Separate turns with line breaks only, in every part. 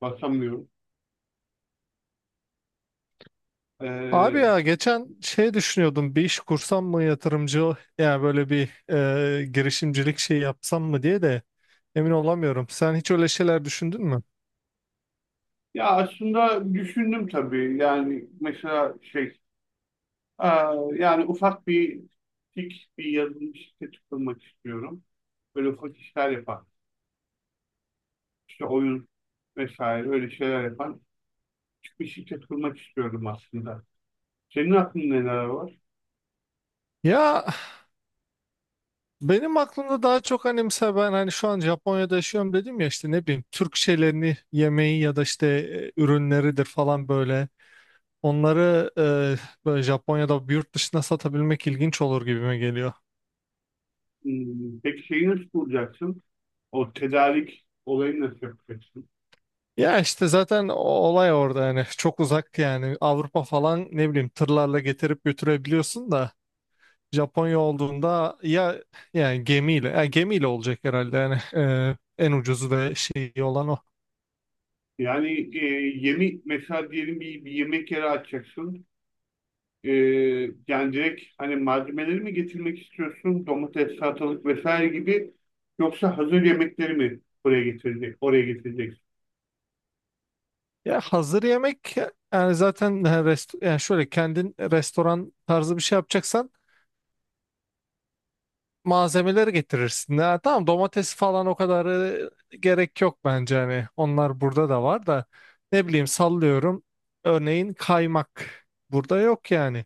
Basamıyorum.
Abi
Ee,
ya geçen şey düşünüyordum bir iş kursam mı yatırımcı yani böyle bir girişimcilik şey yapsam mı diye de emin olamıyorum. Sen hiç öyle şeyler düşündün mü?
Ya aslında düşündüm tabii. Yani mesela yani ufak bir yazılım şirketi kurmak istiyorum. Böyle ufak işler yapan, işte oyun vesaire öyle şeyler yapan küçük bir şirket kurmak istiyorum aslında. Senin aklında neler var?
Ya benim aklımda daha çok hani mesela ben hani şu an Japonya'da yaşıyorum dedim ya işte ne bileyim Türk şeylerini yemeği ya da işte ürünleridir falan böyle. Onları böyle Japonya'da yurt dışına satabilmek ilginç olur gibime geliyor.
Hmm, peki şeyi nasıl bulacaksın? O tedarik olayını nasıl yapacaksın?
Ya işte zaten o olay orada yani çok uzak yani Avrupa falan ne bileyim tırlarla getirip götürebiliyorsun da Japonya olduğunda ya yani gemiyle olacak herhalde yani en ucuzu ve şeyi olan o.
Yani yemi mesela diyelim bir yemek yeri açacaksın. Ee, Yani direkt hani malzemeleri mi getirmek istiyorsun? Domates, salatalık vesaire gibi, yoksa hazır yemekleri mi buraya getirecek, oraya getireceksin.
Ya hazır yemek yani zaten yani şöyle kendin restoran tarzı bir şey yapacaksan malzemeleri getirirsin. Ha, tamam domates falan o kadar gerek yok bence hani onlar burada da var da ne bileyim sallıyorum örneğin kaymak burada yok yani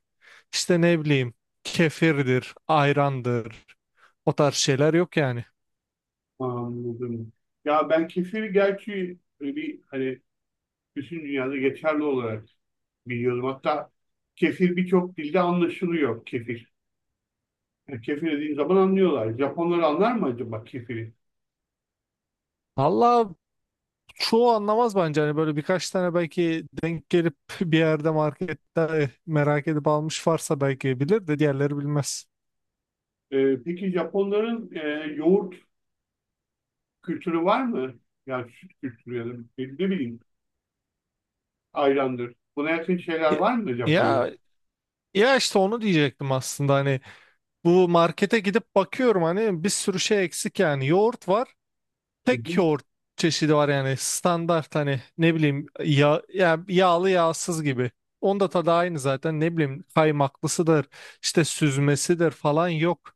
İşte ne bileyim kefirdir ayrandır o tarz şeyler yok yani.
Anladım. Ya ben kefiri gerçi bir hani bütün dünyada geçerli olarak biliyorum. Hatta kefir birçok dilde anlaşılıyor kefir. Yani kefir dediğin zaman anlıyorlar. Japonlar anlar mı acaba kefiri?
Valla çoğu anlamaz bence hani böyle birkaç tane belki denk gelip bir yerde markette merak edip almış varsa belki bilir de diğerleri bilmez.
Peki Japonların yoğurt kültürü var mı? Yani süt kültürü ya da ne bileyim. Ayrandır. Buna yakın şeyler
Ya,
var mı Japonya'da?
ya Ya işte onu diyecektim aslında hani bu markete gidip bakıyorum hani bir sürü şey eksik yani yoğurt var
Hı
tek
hı.
yoğurt çeşidi var yani standart hani ne bileyim ya yağlı yağsız gibi onda da tadı aynı zaten ne bileyim kaymaklısıdır işte süzmesidir falan yok.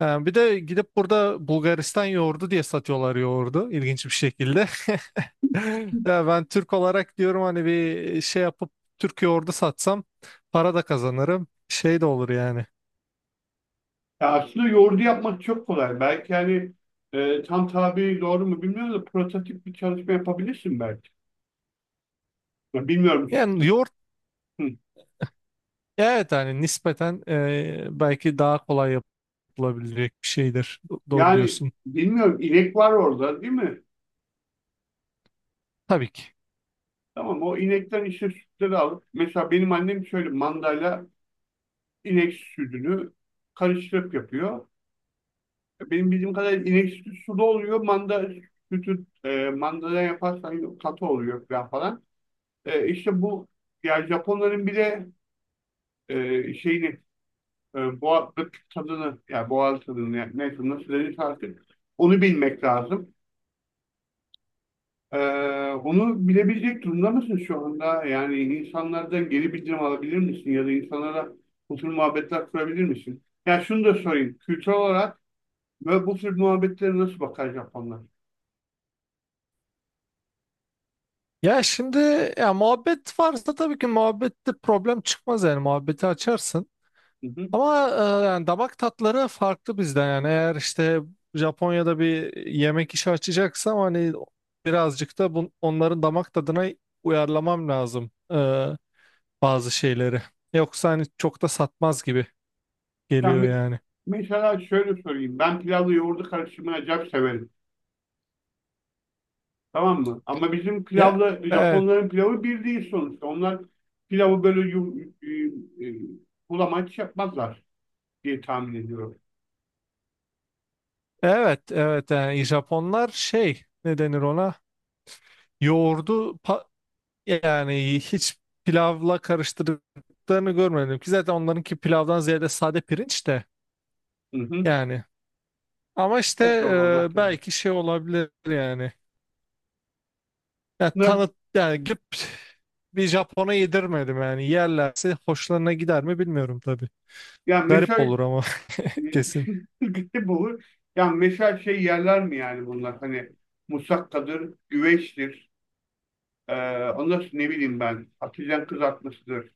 Yani bir de gidip burada Bulgaristan yoğurdu diye satıyorlar yoğurdu ilginç bir şekilde. Ya ben Türk olarak diyorum hani bir şey yapıp Türk yoğurdu satsam para da kazanırım şey de olur yani.
Ya aslında yoğurdu yapmak çok kolay. Belki hani tam tabi doğru mu bilmiyorum da prototip bir çalışma yapabilirsin belki. Ya bilmiyorum.
Yani yoğurt
Hı.
evet hani nispeten belki daha kolay yapılabilecek bir şeydir. Doğru
Yani
diyorsun.
bilmiyorum inek var orada değil mi?
Tabii ki.
Tamam o inekten işte sütleri alıp mesela benim annem şöyle mandayla inek sütünü karıştırıp yapıyor. Benim bildiğim kadarıyla inek sütü sulu oluyor. Manda sütü, mandadan yaparsan katı oluyor falan falan. İşte bu, yani Japonların bir de şeyini, boğazlık tadını yani boğaz tadını yani neyse nasıl denir artık onu bilmek lazım. E, Onu bilebilecek durumda mısın şu anda? Yani insanlardan geri bildirim alabilir misin ya da insanlara bu tür muhabbetler kurabilir misin? Ya şunu da sorayım. Kültürel olarak ve bu tür muhabbetlere nasıl bakar Japonlar?
Ya şimdi ya muhabbet varsa tabii ki muhabbette problem çıkmaz yani muhabbeti açarsın.
Hı hı.
Ama yani damak tatları farklı bizden yani eğer işte Japonya'da bir yemek işi açacaksam hani birazcık da onların damak tadına uyarlamam lazım bazı şeyleri. Yoksa hani çok da satmaz gibi
Yani
geliyor yani.
mesela şöyle sorayım. Ben pilavla yoğurdu karıştırmayı acayip severim. Tamam mı? Ama bizim
Ya,
pilavla
evet.
Japonların pilavı bir değil sonuçta. Onlar pilavı böyle e, e, bulamaç yapmazlar diye tahmin ediyorum.
Evet, evet yani Japonlar şey ne denir ona? Yoğurdu pa- yani hiç pilavla karıştırdıklarını görmedim ki zaten onlarınki pilavdan ziyade sade pirinç de
Hı hı.
yani. Ama işte
Evet doğru onlar.
belki şey olabilir yani. Ya
Ne?
tanıt yani gidip bir Japon'a yedirmedim yani yerlerse hoşlarına gider mi bilmiyorum tabii.
Ya
Garip
meşal
olur ama kesin.
gitti olur. Ya meşal şey yerler mi yani bunlar? Hani musakkadır, güveçtir. Ee, Ondan sonra ne bileyim ben. Patlıcan kızartmasıdır,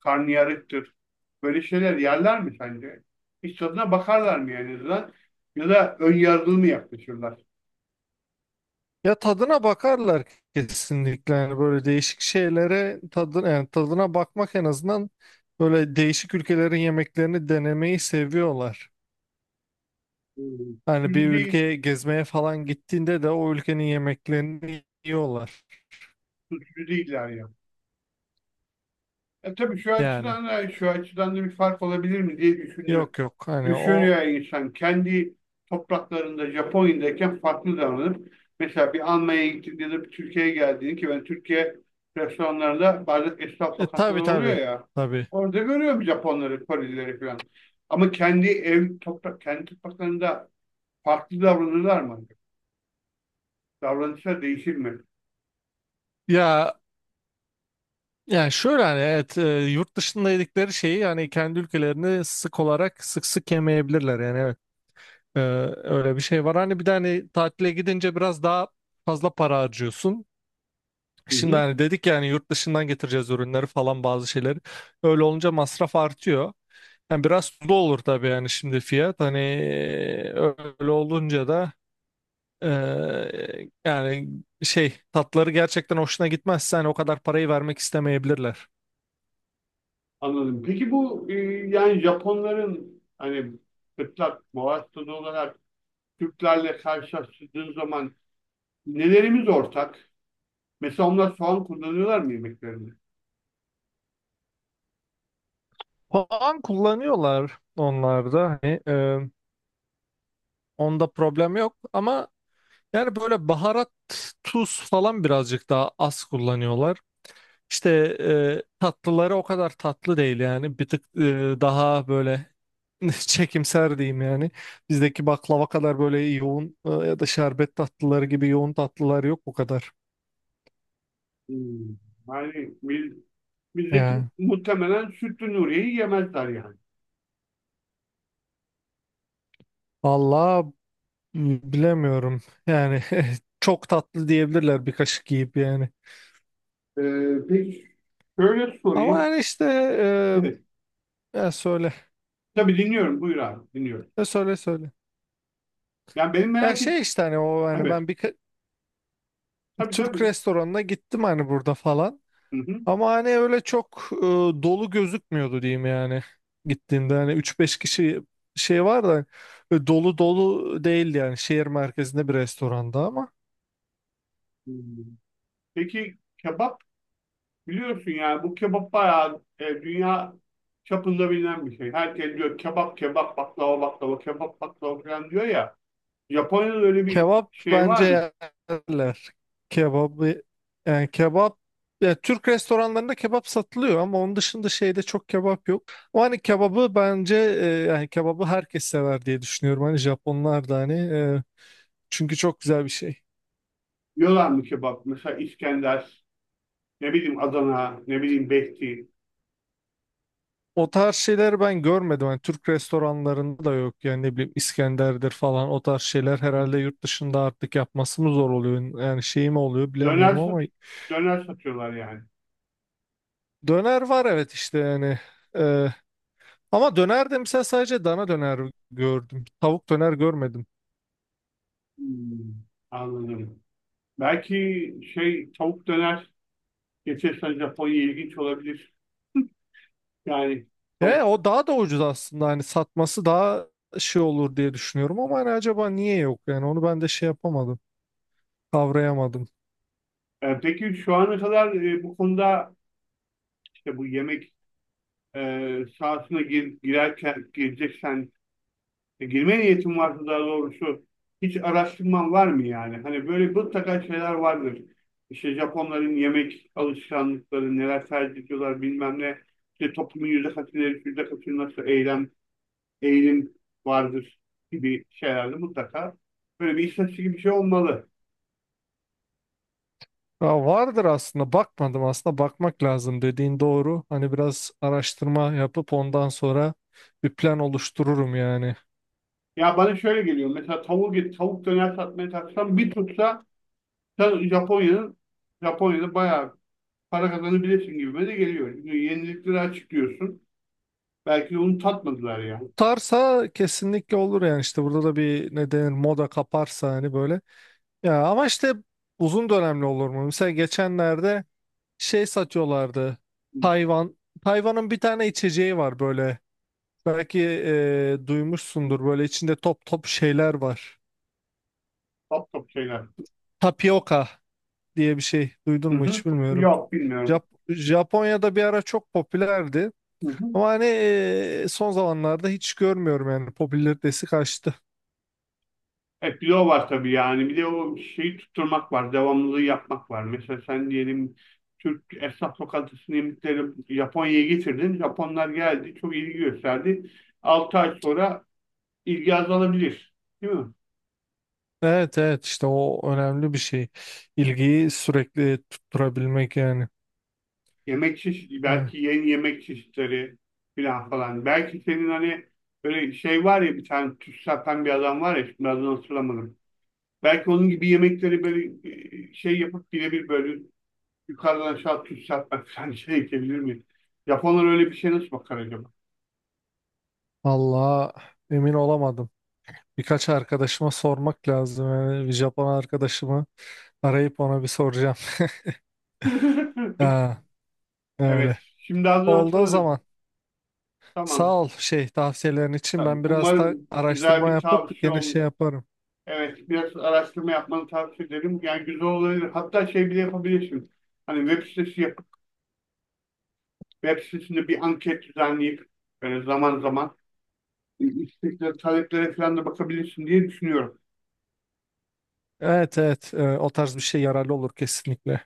karnıyarıktır. Böyle şeyler yerler mi sence? Hiç tadına bakarlar mı yani en azından? Ya da ön yargılı mı yaklaşırlar?
Ya tadına bakarlar kesinlikle yani böyle değişik şeylere tadın yani tadına bakmak en azından böyle değişik ülkelerin yemeklerini denemeyi seviyorlar.
Hmm.
Hani bir
Tutucu değil,
ülkeye gezmeye falan gittiğinde de o ülkenin yemeklerini yiyorlar.
tutucu değiller ya. E tabii şu
Yani
açıdan da şu açıdan da bir fark olabilir mi diye düşünüyor.
yok yok hani o
Düşünüyor insan. Kendi topraklarında Japonya'dayken farklı davranıp mesela bir Almanya'ya gittiğinde ya da bir Türkiye'ye geldiğinde, ki ben Türkiye restoranlarında bazen esnaf lokantaları
tabii
oluyor
tabii
ya.
tabii.
Orada görüyorum Japonları, Korelileri falan. Ama kendi topraklarında farklı davranırlar mı? Davranışlar değişir mi?
Ya yani şöyle hani evet yurt dışında yedikleri şeyi yani kendi ülkelerini sık olarak sık sık yemeyebilirler yani evet. Ee, öyle bir şey var. Hani bir de hani tatile gidince biraz daha fazla para harcıyorsun.
Hı
Şimdi
hı.
hani dedik yani yurt dışından getireceğiz ürünleri falan bazı şeyleri. Öyle olunca masraf artıyor. Yani biraz tuzlu olur tabii yani şimdi fiyat. Hani öyle olunca da yani şey tatları gerçekten hoşuna gitmezse hani o kadar parayı vermek istemeyebilirler.
Anladım. Peki bu, yani Japonların hani fıtrat, muvazzat olarak Türklerle karşılaştırdığın zaman nelerimiz ortak? Mesela onlar soğan kullanıyorlar mı yemeklerinde?
Puan kullanıyorlar onlar da. Hani, onda problem yok ama yani böyle baharat, tuz falan birazcık daha az kullanıyorlar. İşte tatlıları o kadar tatlı değil yani. Bir tık daha böyle çekimser diyeyim yani. Bizdeki baklava kadar böyle yoğun ya da şerbet tatlıları gibi yoğun tatlılar yok bu kadar.
Hmm. Yani biz, bizdeki
Yani
muhtemelen sütlü Nuriye'yi yemezler yani.
valla bilemiyorum. Yani çok tatlı diyebilirler bir kaşık yiyip yani.
Peki şöyle
Ama
sorayım.
yani işte
Evet.
ya söyle.
Tabii dinliyorum. Buyur abi. Dinliyorum.
Ya söyle söyle.
Yani benim
Ya
merak et.
şey işte hani o hani
Evet.
ben bir
Tabii
Türk
tabii.
restoranına gittim hani burada falan.
Hı hı.
Ama hani öyle çok dolu gözükmüyordu diyeyim yani. Gittiğimde hani üç beş kişi şey var da dolu dolu değildi yani şehir merkezinde bir restoranda ama
Hmm. Peki kebap. Biliyorsun yani bu kebap bayağı dünya çapında bilinen bir şey. Herkes diyor kebap kebap baklava baklava kebap baklava falan diyor ya. Japonya'da öyle bir
kebap
şey var mı?
bence yerler. Kebabı yani kebap ya Türk restoranlarında kebap satılıyor ama onun dışında şeyde çok kebap yok. O hani kebabı bence yani kebabı herkes sever diye düşünüyorum. Hani Japonlar da hani çünkü çok güzel bir şey.
Yiyorlar mı kebap? Mesela İskender, ne bileyim Adana, ne bileyim Behti.
O tarz şeyler ben görmedim. Yani Türk restoranlarında da yok. Yani ne bileyim İskender'dir falan o tarz şeyler herhalde yurt dışında artık yapması mı zor oluyor? Yani şey mi oluyor
Döner,
bilemiyorum
sat
ama
döner satıyorlar yani.
döner var evet işte yani. Ee, ama döner de mesela sadece dana döner gördüm. Tavuk döner görmedim.
Hmm, anladım. Belki şey tavuk döner geçersen Japonya ilginç olabilir. Yani
E,
tavuk.
o daha da ucuz aslında. Hani satması daha şey olur diye düşünüyorum ama hani acaba niye yok? Yani onu ben de şey yapamadım. Kavrayamadım.
Peki şu ana kadar bu konuda işte bu yemek sahasına girerken gireceksen, girme niyetin varsa daha doğrusu, hiç araştırman var mı yani? Hani böyle mutlaka şeyler vardır. İşte Japonların yemek alışkanlıkları, neler tercih ediyorlar bilmem ne. İşte toplumun yüzde kaçı, yüzde kaçı nasıl eylem, eğilim vardır gibi şeylerde mutlaka böyle bir istatistik gibi bir şey olmalı.
Ya vardır aslında bakmadım aslında bakmak lazım dediğin doğru. Hani biraz araştırma yapıp ondan sonra bir plan oluştururum yani.
Ya bana şöyle geliyor. Mesela tavuk tavuk döner satmaya kalksam bir tutsa, sen Japonya'nın Japonya'da bayağı para kazanabilirsin gibime de geliyor. Çünkü yenilikleri açıklıyorsun. Belki de onu tatmadılar ya.
Tutarsa kesinlikle olur yani işte burada da bir ne denir moda kaparsa hani böyle. Ya ama işte uzun dönemli olur mu? Mesela geçenlerde şey satıyorlardı.
Hı.
Tayvan. Tayvan'ın bir tane içeceği var böyle. Belki duymuşsundur böyle içinde top top şeyler var.
Top top şeyler.
Tapioka diye bir şey duydun
Hı
mu
hı.
hiç bilmiyorum.
Yok bilmiyorum.
Japonya'da bir ara çok popülerdi.
Hı hı.
Ama hani son zamanlarda hiç görmüyorum yani popülaritesi kaçtı.
E bir de o var tabii yani. Bir de o şeyi tutturmak var. Devamlılığı yapmak var. Mesela sen diyelim Türk esnaf lokantasının yemekleri Japonya'ya getirdin. Japonlar geldi. Çok ilgi gösterdi. 6 ay sonra ilgi azalabilir. Değil mi?
Evet evet işte o önemli bir şey. İlgiyi sürekli tutturabilmek yani.
Yemek çeşitli
Ha,
belki yeni yemek çeşitleri filan falan. Belki senin hani böyle şey var ya, bir tane tüs satan bir adam var ya, şimdi adını hatırlamadım. Belki onun gibi yemekleri böyle şey yapıp birebir böyle yukarıdan aşağı tüs satmak falan şey edebilir mi? Japonlar öyle bir şey nasıl bakar acaba?
vallahi emin olamadım. Birkaç arkadaşıma sormak lazım. Yani bir Japon arkadaşımı arayıp ona bir soracağım. Ha,
Evet.
öyle.
Şimdi adını
Oldu o
hatırladım.
zaman.
Tamam.
Sağ ol şey tavsiyelerin için.
Tamam.
Ben biraz da
Umarım güzel
araştırma
bir
yapıp
tavsiye
gene
olmuş.
şey yaparım.
Evet. Biraz araştırma yapmanı tavsiye ederim. Yani güzel olabilir. Hatta şey bile yapabilirsin. Hani web sitesinde bir anket düzenleyip zaman zaman isteklere, taleplere falan da bakabilirsin diye düşünüyorum.
Evet evet o tarz bir şey yararlı olur kesinlikle.